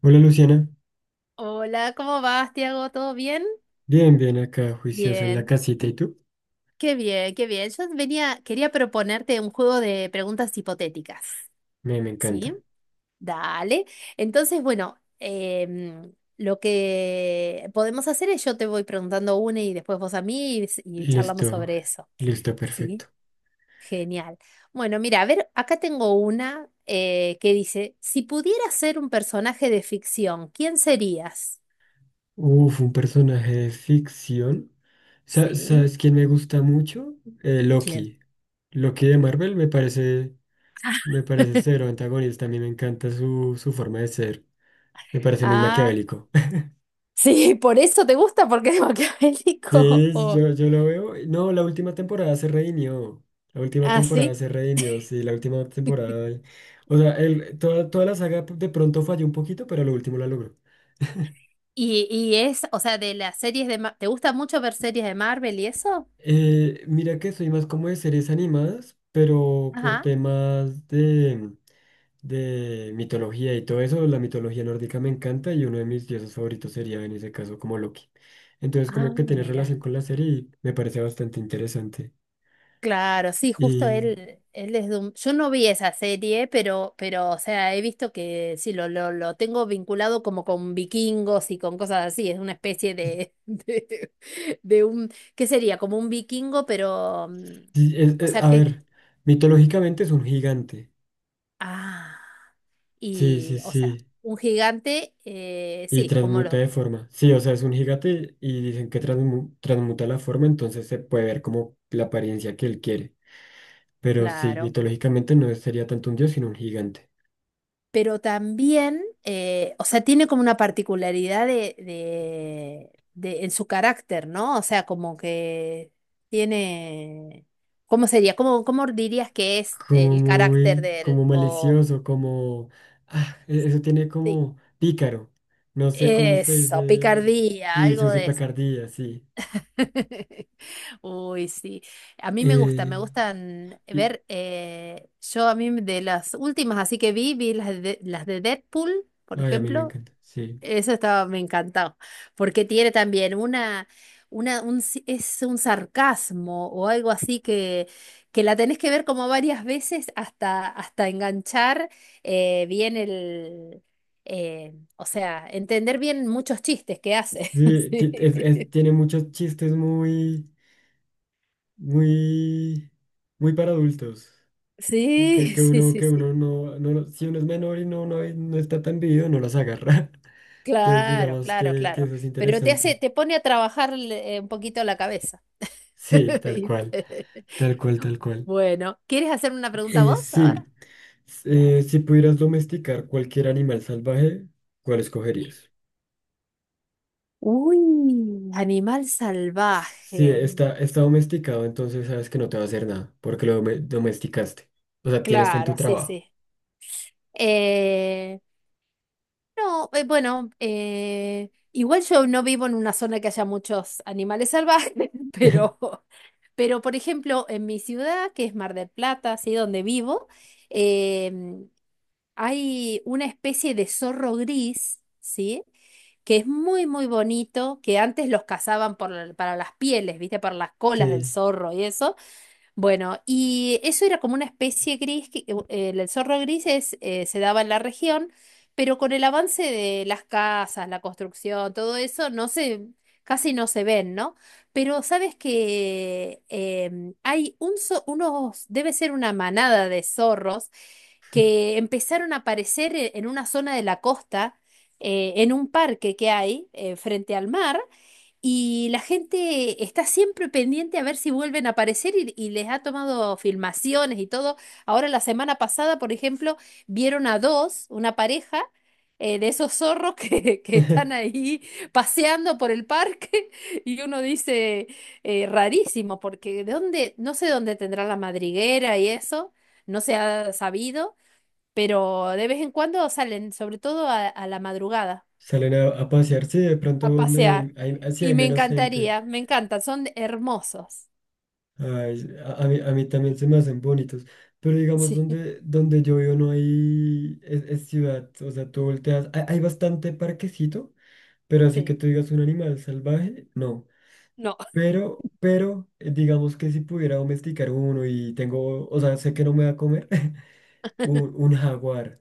Hola Luciana, Hola, ¿cómo vas, Tiago? ¿Todo bien? bien, bien acá, juicioso en la Bien, casita, ¿y tú? qué bien, qué bien. Yo venía, quería proponerte un juego de preguntas hipotéticas, Me ¿sí? encanta. Dale. Entonces, bueno, lo que podemos hacer es yo te voy preguntando una y después vos a mí y charlamos Listo, sobre eso, listo, ¿sí? perfecto. Genial. Bueno, mira, a ver, acá tengo una que dice, si pudieras ser un personaje de ficción, ¿quién serías? Uf, un personaje de ficción. ¿Sí? ¿Sabes quién me gusta mucho? ¿Quién? Loki. Loki de Marvel me parece cero antagonista, a mí me encanta su forma de ser. Me parece muy Ah, maquiavélico. sí, por eso te gusta, porque es maquiavélico. Sí, O... yo lo veo. No, la última temporada se redimió. La última Ah, temporada sí. se redimió, sí, la última temporada. O sea, toda la saga de pronto falló un poquito, pero lo último la logró. Y es, o sea, de las series de... ¿Te gusta mucho ver series de Marvel y eso? Mira que soy más como de series animadas, pero por Ajá. temas de mitología y todo eso, la mitología nórdica me encanta y uno de mis dioses favoritos sería en ese caso como Loki. Entonces Ah, como que tiene relación mira. con la serie y me parece bastante interesante. Claro, sí, justo Y él, yo no vi esa serie, pero, o sea, he visto que sí, lo tengo vinculado como con vikingos y con cosas así. Es una especie de, de un, ¿qué sería? Como un vikingo, pero, Sí, o sea a que, ver, mitológicamente es un gigante. ah. Sí, sí, Y, o sea, sí. un gigante, Y sí, como transmuta lo, de forma. Sí, o sea, es un gigante y dicen que transmuta la forma, entonces se puede ver como la apariencia que él quiere. Pero sí, claro. mitológicamente no sería tanto un dios, sino un gigante. Pero también, o sea, tiene como una particularidad en su carácter, ¿no? O sea, como que tiene, ¿cómo sería? ¿Cómo dirías que es Como el carácter muy, de él? como O, malicioso, como. Eso tiene sí, como pícaro. No sé cómo se eso, dice. picardía, Sí, su algo de eso. picardía, sí. Uy, sí. A mí me gusta, me Eh, gustan y... ver, yo a mí de las últimas, así que vi las de Deadpool, por Ay, a mí me ejemplo, encanta, sí. eso estaba, me encantó, porque tiene también una, un, si- es un sarcasmo o algo así que la tenés que ver como varias veces hasta, hasta enganchar bien el, o sea, entender bien muchos chistes que hace. Sí, Sí. tiene muchos chistes muy, muy, muy para adultos. Que, Sí, que sí, uno, sí, que sí. uno no, no, si uno es menor y no, no, no está tan vivido, no los agarra. Entonces, Claro, digamos claro, que claro. eso es Pero te hace, interesante. te pone a trabajar un poquito la cabeza. Sí, tal cual, ¿Viste? tal cual, tal cual. Bueno, ¿quieres hacer una pregunta vos Sí, ahora? s- Dale. Si pudieras domesticar cualquier animal salvaje, ¿cuál escogerías? Uy, animal Si salvaje. está domesticado, entonces sabes que no te va a hacer nada, porque lo domesticaste. O sea, tienes fe en Claro, tu sí, trabajo. sí. Eh, no, bueno, igual yo no vivo en una zona que haya muchos animales salvajes, pero, pero por ejemplo, en mi ciudad, que es Mar del Plata, así donde vivo, em, hay una especie de zorro gris, ¿sí? Que es muy, muy bonito, que antes los cazaban por, para las pieles, ¿viste? Para las colas del Sí. zorro y eso. Bueno, y eso era como una especie gris, que, el zorro gris es, se daba en la región, pero con el avance de las casas, la construcción, todo eso, no se, casi no se ven, ¿no? Pero sabes que hay un, debe ser una manada de zorros que empezaron a aparecer en una zona de la costa, en un parque que hay, frente al mar. Y la gente está siempre pendiente a ver si vuelven a aparecer y les ha tomado filmaciones y todo. Ahora la semana pasada, por ejemplo, vieron a dos, una pareja de esos zorros que, que están ahí paseando por el parque y uno dice, rarísimo, porque de dónde, no sé dónde tendrá la madriguera y eso, no se ha sabido, pero de vez en cuando salen, sobre todo a la madrugada Salen a pasear, sí, de pronto a pasear. donde hay sí Y hay me menos gente. encantaría, me encantan, son hermosos. Ay, a mí también Sí, se me hacen bonitos. Pero digamos, sí, donde yo vivo no hay es ciudad. O sea, tú volteas. Hay bastante parquecito, pero así sí. que tú digas un animal salvaje, no. No, Pero, digamos que si pudiera domesticar uno y tengo, o sea, sé que no me va a comer, un, un jaguar.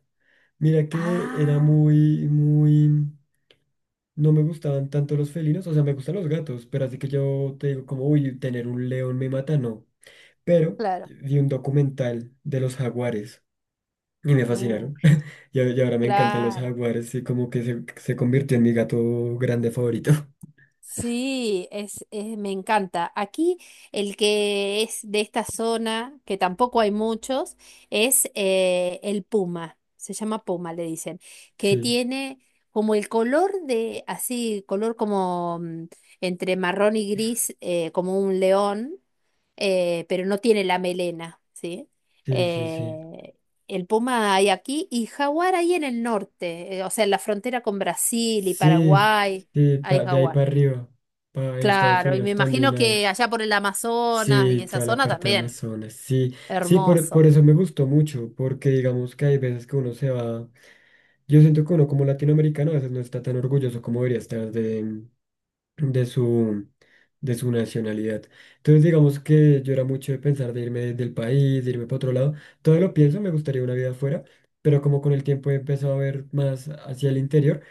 Mira que era Ah, muy, muy. No me gustaban tanto los felinos, o sea, me gustan los gatos, pero así que yo te digo como, uy, tener un león me mata, no. Pero claro, vi un documental de los jaguares y me uh, fascinaron. Y ahora me encantan los claro. jaguares y como que se convirtió en mi gato grande favorito. Sí, es, me encanta. Aquí el que es de esta zona, que tampoco hay muchos, es el puma. Se llama puma, le dicen, que Sí, tiene como el color de, así, color como entre marrón y gris, como un león, pero no tiene la melena, ¿sí? sí, sí, sí. Eh, el puma hay aquí y jaguar hay en el norte, o sea, en la frontera con Brasil y Sí, Paraguay sí, hay de ahí jaguar. para arriba. En Estados Claro, y me Unidos también imagino hay. que allá por el Amazonas y Sí, esa toda la zona parte de también, Amazonas. Sí, sí, por hermoso. eso me gustó mucho, porque digamos que hay veces que uno se va. Yo siento que uno como latinoamericano a veces no está tan orgulloso como debería estar de su, de su nacionalidad. Entonces digamos que yo era mucho de pensar de irme del país, de irme para otro lado. Todo lo pienso, me gustaría una vida afuera, pero como con el tiempo he empezado a ver más hacia el interior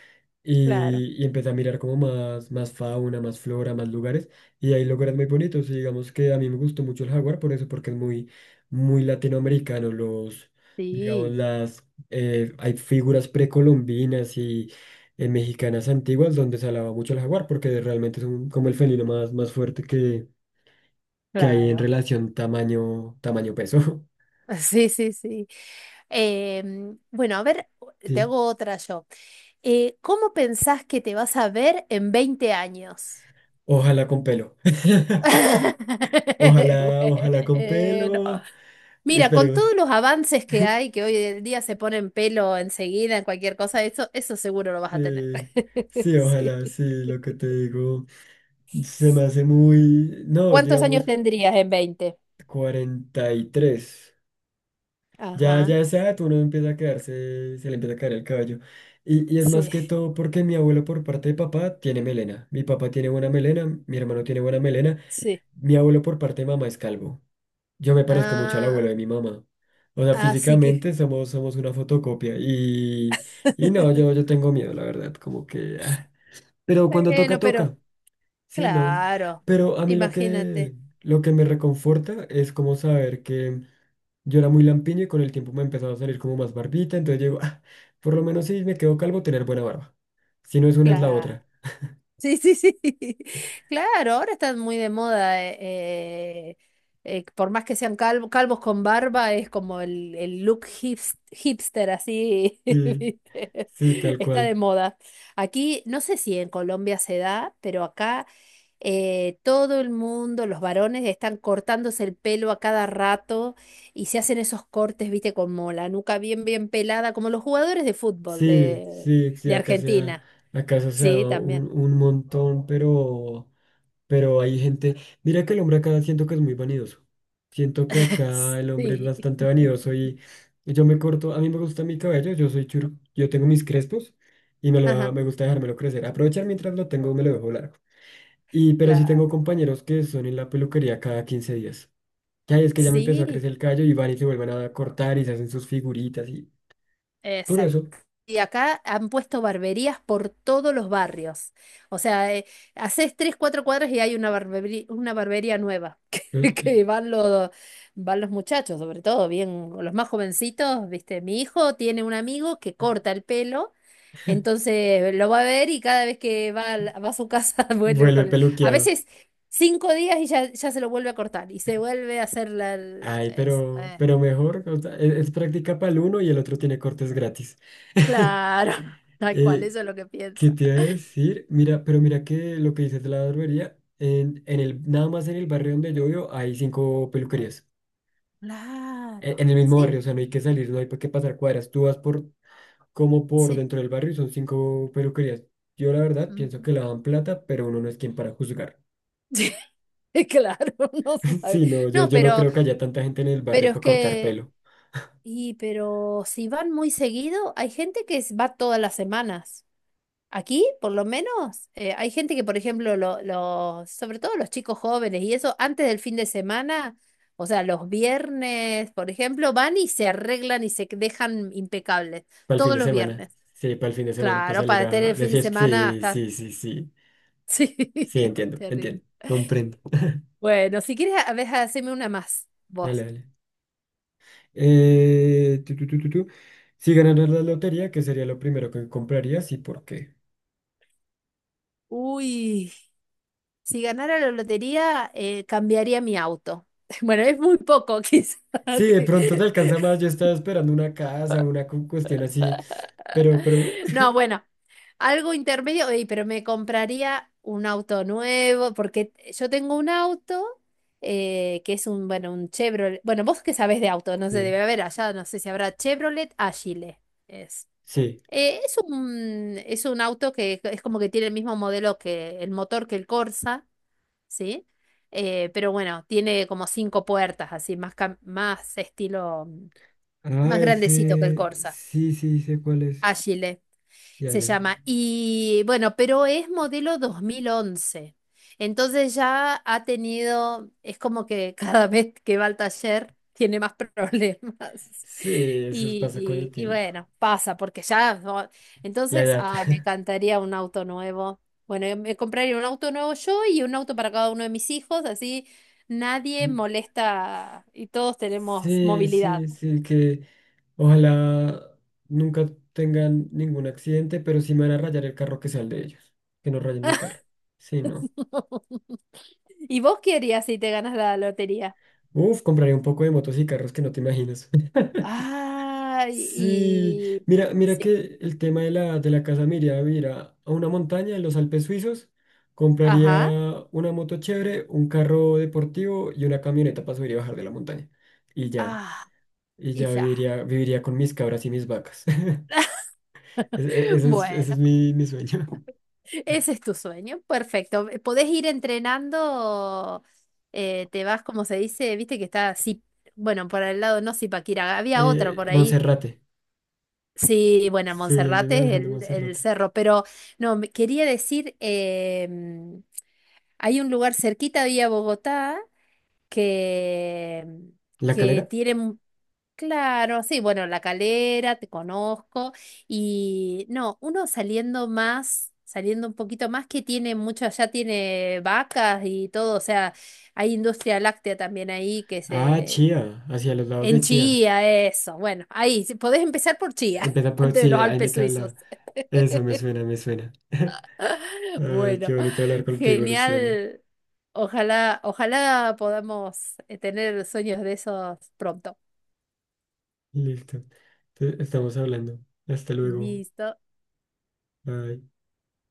Claro. y empecé a mirar como más fauna, más flora, más lugares, y hay lugares muy bonitos, y digamos que a mí me gustó mucho el jaguar por eso, porque es muy, muy latinoamericano, digamos, Sí, hay figuras precolombinas y mexicanas antiguas donde se alaba mucho el jaguar, porque realmente como el felino más fuerte que hay en claro. relación tamaño, peso. Sí, sí, sí. Bueno, a ver, te sí, hago otra yo. ¿Cómo pensás que te vas a ver en 20 años? ojalá con pelo. Ojalá, ojalá con Bueno, pelo. mira, con Esperemos. todos los avances que hay, que hoy en día se ponen pelo enseguida en cualquier cosa, eso seguro lo vas a tener. Eh, sí, Sí. ojalá, sí, lo que te digo se me hace muy, no, ¿Cuántos años digamos tendrías en 20? 43. Ya, ya Ajá. a esa edad uno empieza a quedarse, se le empieza a caer el cabello. Y es más Sí, que todo porque mi abuelo por parte de papá tiene melena. Mi papá tiene buena melena, mi hermano tiene buena melena, sí. mi abuelo por parte de mamá es calvo. Yo me parezco mucho al Ah, abuelo de mi mamá. O sea, así que, físicamente somos una fotocopia. Y no, yo tengo miedo, la verdad, como que... ah. Pero cuando toca, bueno, pero toca. Sí, no. claro, Pero a mí lo que, imagínate, lo que me reconforta es como saber que yo era muy lampiño y con el tiempo me empezaba a salir como más barbita. Entonces yo digo, "Ah, por lo menos si me quedo calvo, tener buena barba. Si no es una, es la claro. otra. Sí, sí, sí. Claro, ahora están muy de moda. Eh, por más que sean calvos con barba, es como el look hipster, así. Sí, ¿Viste? sí, tal Está de cual. moda. Aquí, no sé si en Colombia se da, pero acá todo el mundo, los varones, están cortándose el pelo a cada rato y se hacen esos cortes, viste, como la nuca bien, bien pelada, como los jugadores de fútbol Sí, sí, sí, de Argentina. acá eso se ha Sí, dado también. un montón, pero. Pero hay gente, mira que el hombre acá siento que es muy vanidoso. Siento que acá el hombre es Sí, bastante vanidoso y yo me corto, a mí me gusta mi cabello, yo soy churu, yo tengo mis crespos y ajá, me gusta dejármelo crecer. Aprovechar mientras lo tengo, me lo dejo largo. Y pero sí tengo claro. compañeros que son en la peluquería cada 15 días. Ya es que ya me empezó a Sí, crecer el cabello y van y se vuelven a cortar y se hacen sus figuritas y exacto. curioso, Y acá han puesto barberías por todos los barrios. O sea, haces 3, 4 cuadras y hay una barbería nueva que, eh, que van los muchachos, sobre todo, bien, los más jovencitos, ¿viste? Mi hijo tiene un amigo que corta el pelo. Entonces lo va a ver y cada vez que va, va a su casa vuelve vuelve con... A peluqueado. veces 5 días y ya, ya se lo vuelve a cortar y se vuelve a hacer la... Ay, pero, pero mejor, o sea, es práctica para el uno y el otro tiene cortes gratis. claro, tal cual, Eh, eso es lo que ¿Qué piensa. te iba a decir? Mira, pero mira que lo que dices de la barbería, nada más en el barrio donde yo vivo hay cinco peluquerías. En, Claro, en el mismo sí, barrio, o sea, no hay que salir, no hay que pasar cuadras. Tú vas como por sí. dentro del barrio y son cinco peluquerías. Yo la verdad pienso Ujú. que lavan plata, pero uno no es quien para juzgar. Claro, no se sabe. Sí, no, yo, No, yo no pero, creo que haya tanta gente en el barrio pero es para cortar que... pelo. Y pero si van muy seguido, hay gente que va todas las semanas. Aquí, por lo menos, hay gente que, por ejemplo, los, sobre todo los chicos jóvenes y eso, antes del fin de semana, o sea, los viernes, por ejemplo, van y se arreglan y se dejan impecables Para el fin todos de los semana. viernes. Sí, para el fin de semana, para Claro, salir para tener el de fin de fiesta. semana a Sí, estar. sí, sí, sí. Sí, Sí, entiendo, terrible. entiendo. Comprendo. Bueno, si quieres, a ver, haceme una más, Dale, vos. dale. Tu, tu, tu, tu, tu. Si ganaras la lotería, ¿qué sería lo primero que comprarías y por qué? Uy, si ganara la lotería, cambiaría mi auto. Bueno, es muy poco, quizás. Sí, de pronto te alcanza más. Yo estaba esperando una casa, una cuestión así. Pero, bueno. No, bueno, algo intermedio, ey, pero me compraría un auto nuevo, porque yo tengo un auto que es un, bueno, un Chevrolet. Bueno, vos que sabés de auto, no sé, Sí, debe haber allá, no sé si habrá Chevrolet Agile. Es. sí. Es un, auto que es como que tiene el mismo modelo que el motor que el Corsa, ¿sí? Pero bueno, tiene como 5 puertas, así, más estilo, Ah, más grandecito que el ese. Corsa. Sí, sí, sé cuál es. Agile. Ya, Se ya. llama. Y bueno, pero es modelo 2011. Entonces ya ha tenido, es como que cada vez que va al taller tiene más problemas. Sí, eso Y, pasa con el y- y tiempo. bueno, pasa, porque ya... La Entonces, edad. ay, me encantaría un auto nuevo. Bueno, yo me compraría un auto nuevo yo y un auto para cada uno de mis hijos, así nadie molesta y todos tenemos Sí, movilidad. sí, sí, que ojalá nunca tengan ningún accidente, pero sí me van a rayar el carro que sea el de ellos. Que no rayen mi carro. Sí, no. ¿Y vos qué harías si te ganas la lotería? Uf, compraré un poco de motos y carros que no te imaginas. Ah, Sí, y mira, mira sí, que el tema de la, casa me iría a vivir a una montaña en los Alpes suizos. ajá, Compraría una moto chévere, un carro deportivo y una camioneta para subir y bajar de la montaña. Y ya, ah, y y ya ya. viviría con mis cabras y mis vacas. Ese, ese es, ese es Bueno, mi sueño. ese es tu sueño, perfecto. Podés ir entrenando, te vas, como se dice, viste que está así, bueno, por el lado no Zipaquirá, había otro por ahí. Monserrate. Sí, bueno, Subiendo y Monserrate es bajando el Monserrate. cerro, pero no, quería decir, hay un lugar cerquita de ahí a Bogotá que, ¿La que Calera? tiene, claro, sí, bueno, La Calera, te conozco. Y no, uno saliendo más, saliendo un poquito más, que tiene mucho, allá tiene vacas y todo, o sea, hay industria láctea también ahí que Ah, se... Chía. Hacia los lados de En Chía. Chía, eso. Bueno, ahí, si podés empezar por Chía, Empieza por antes de sí, los ahí me Alpes queda suizos. la. Eso me suena, me suena. Ay, qué Bueno, bonito hablar contigo, Luciana. genial. Ojalá, ojalá podamos tener sueños de esos pronto. Listo. Estamos hablando. Hasta luego. Listo. Bye.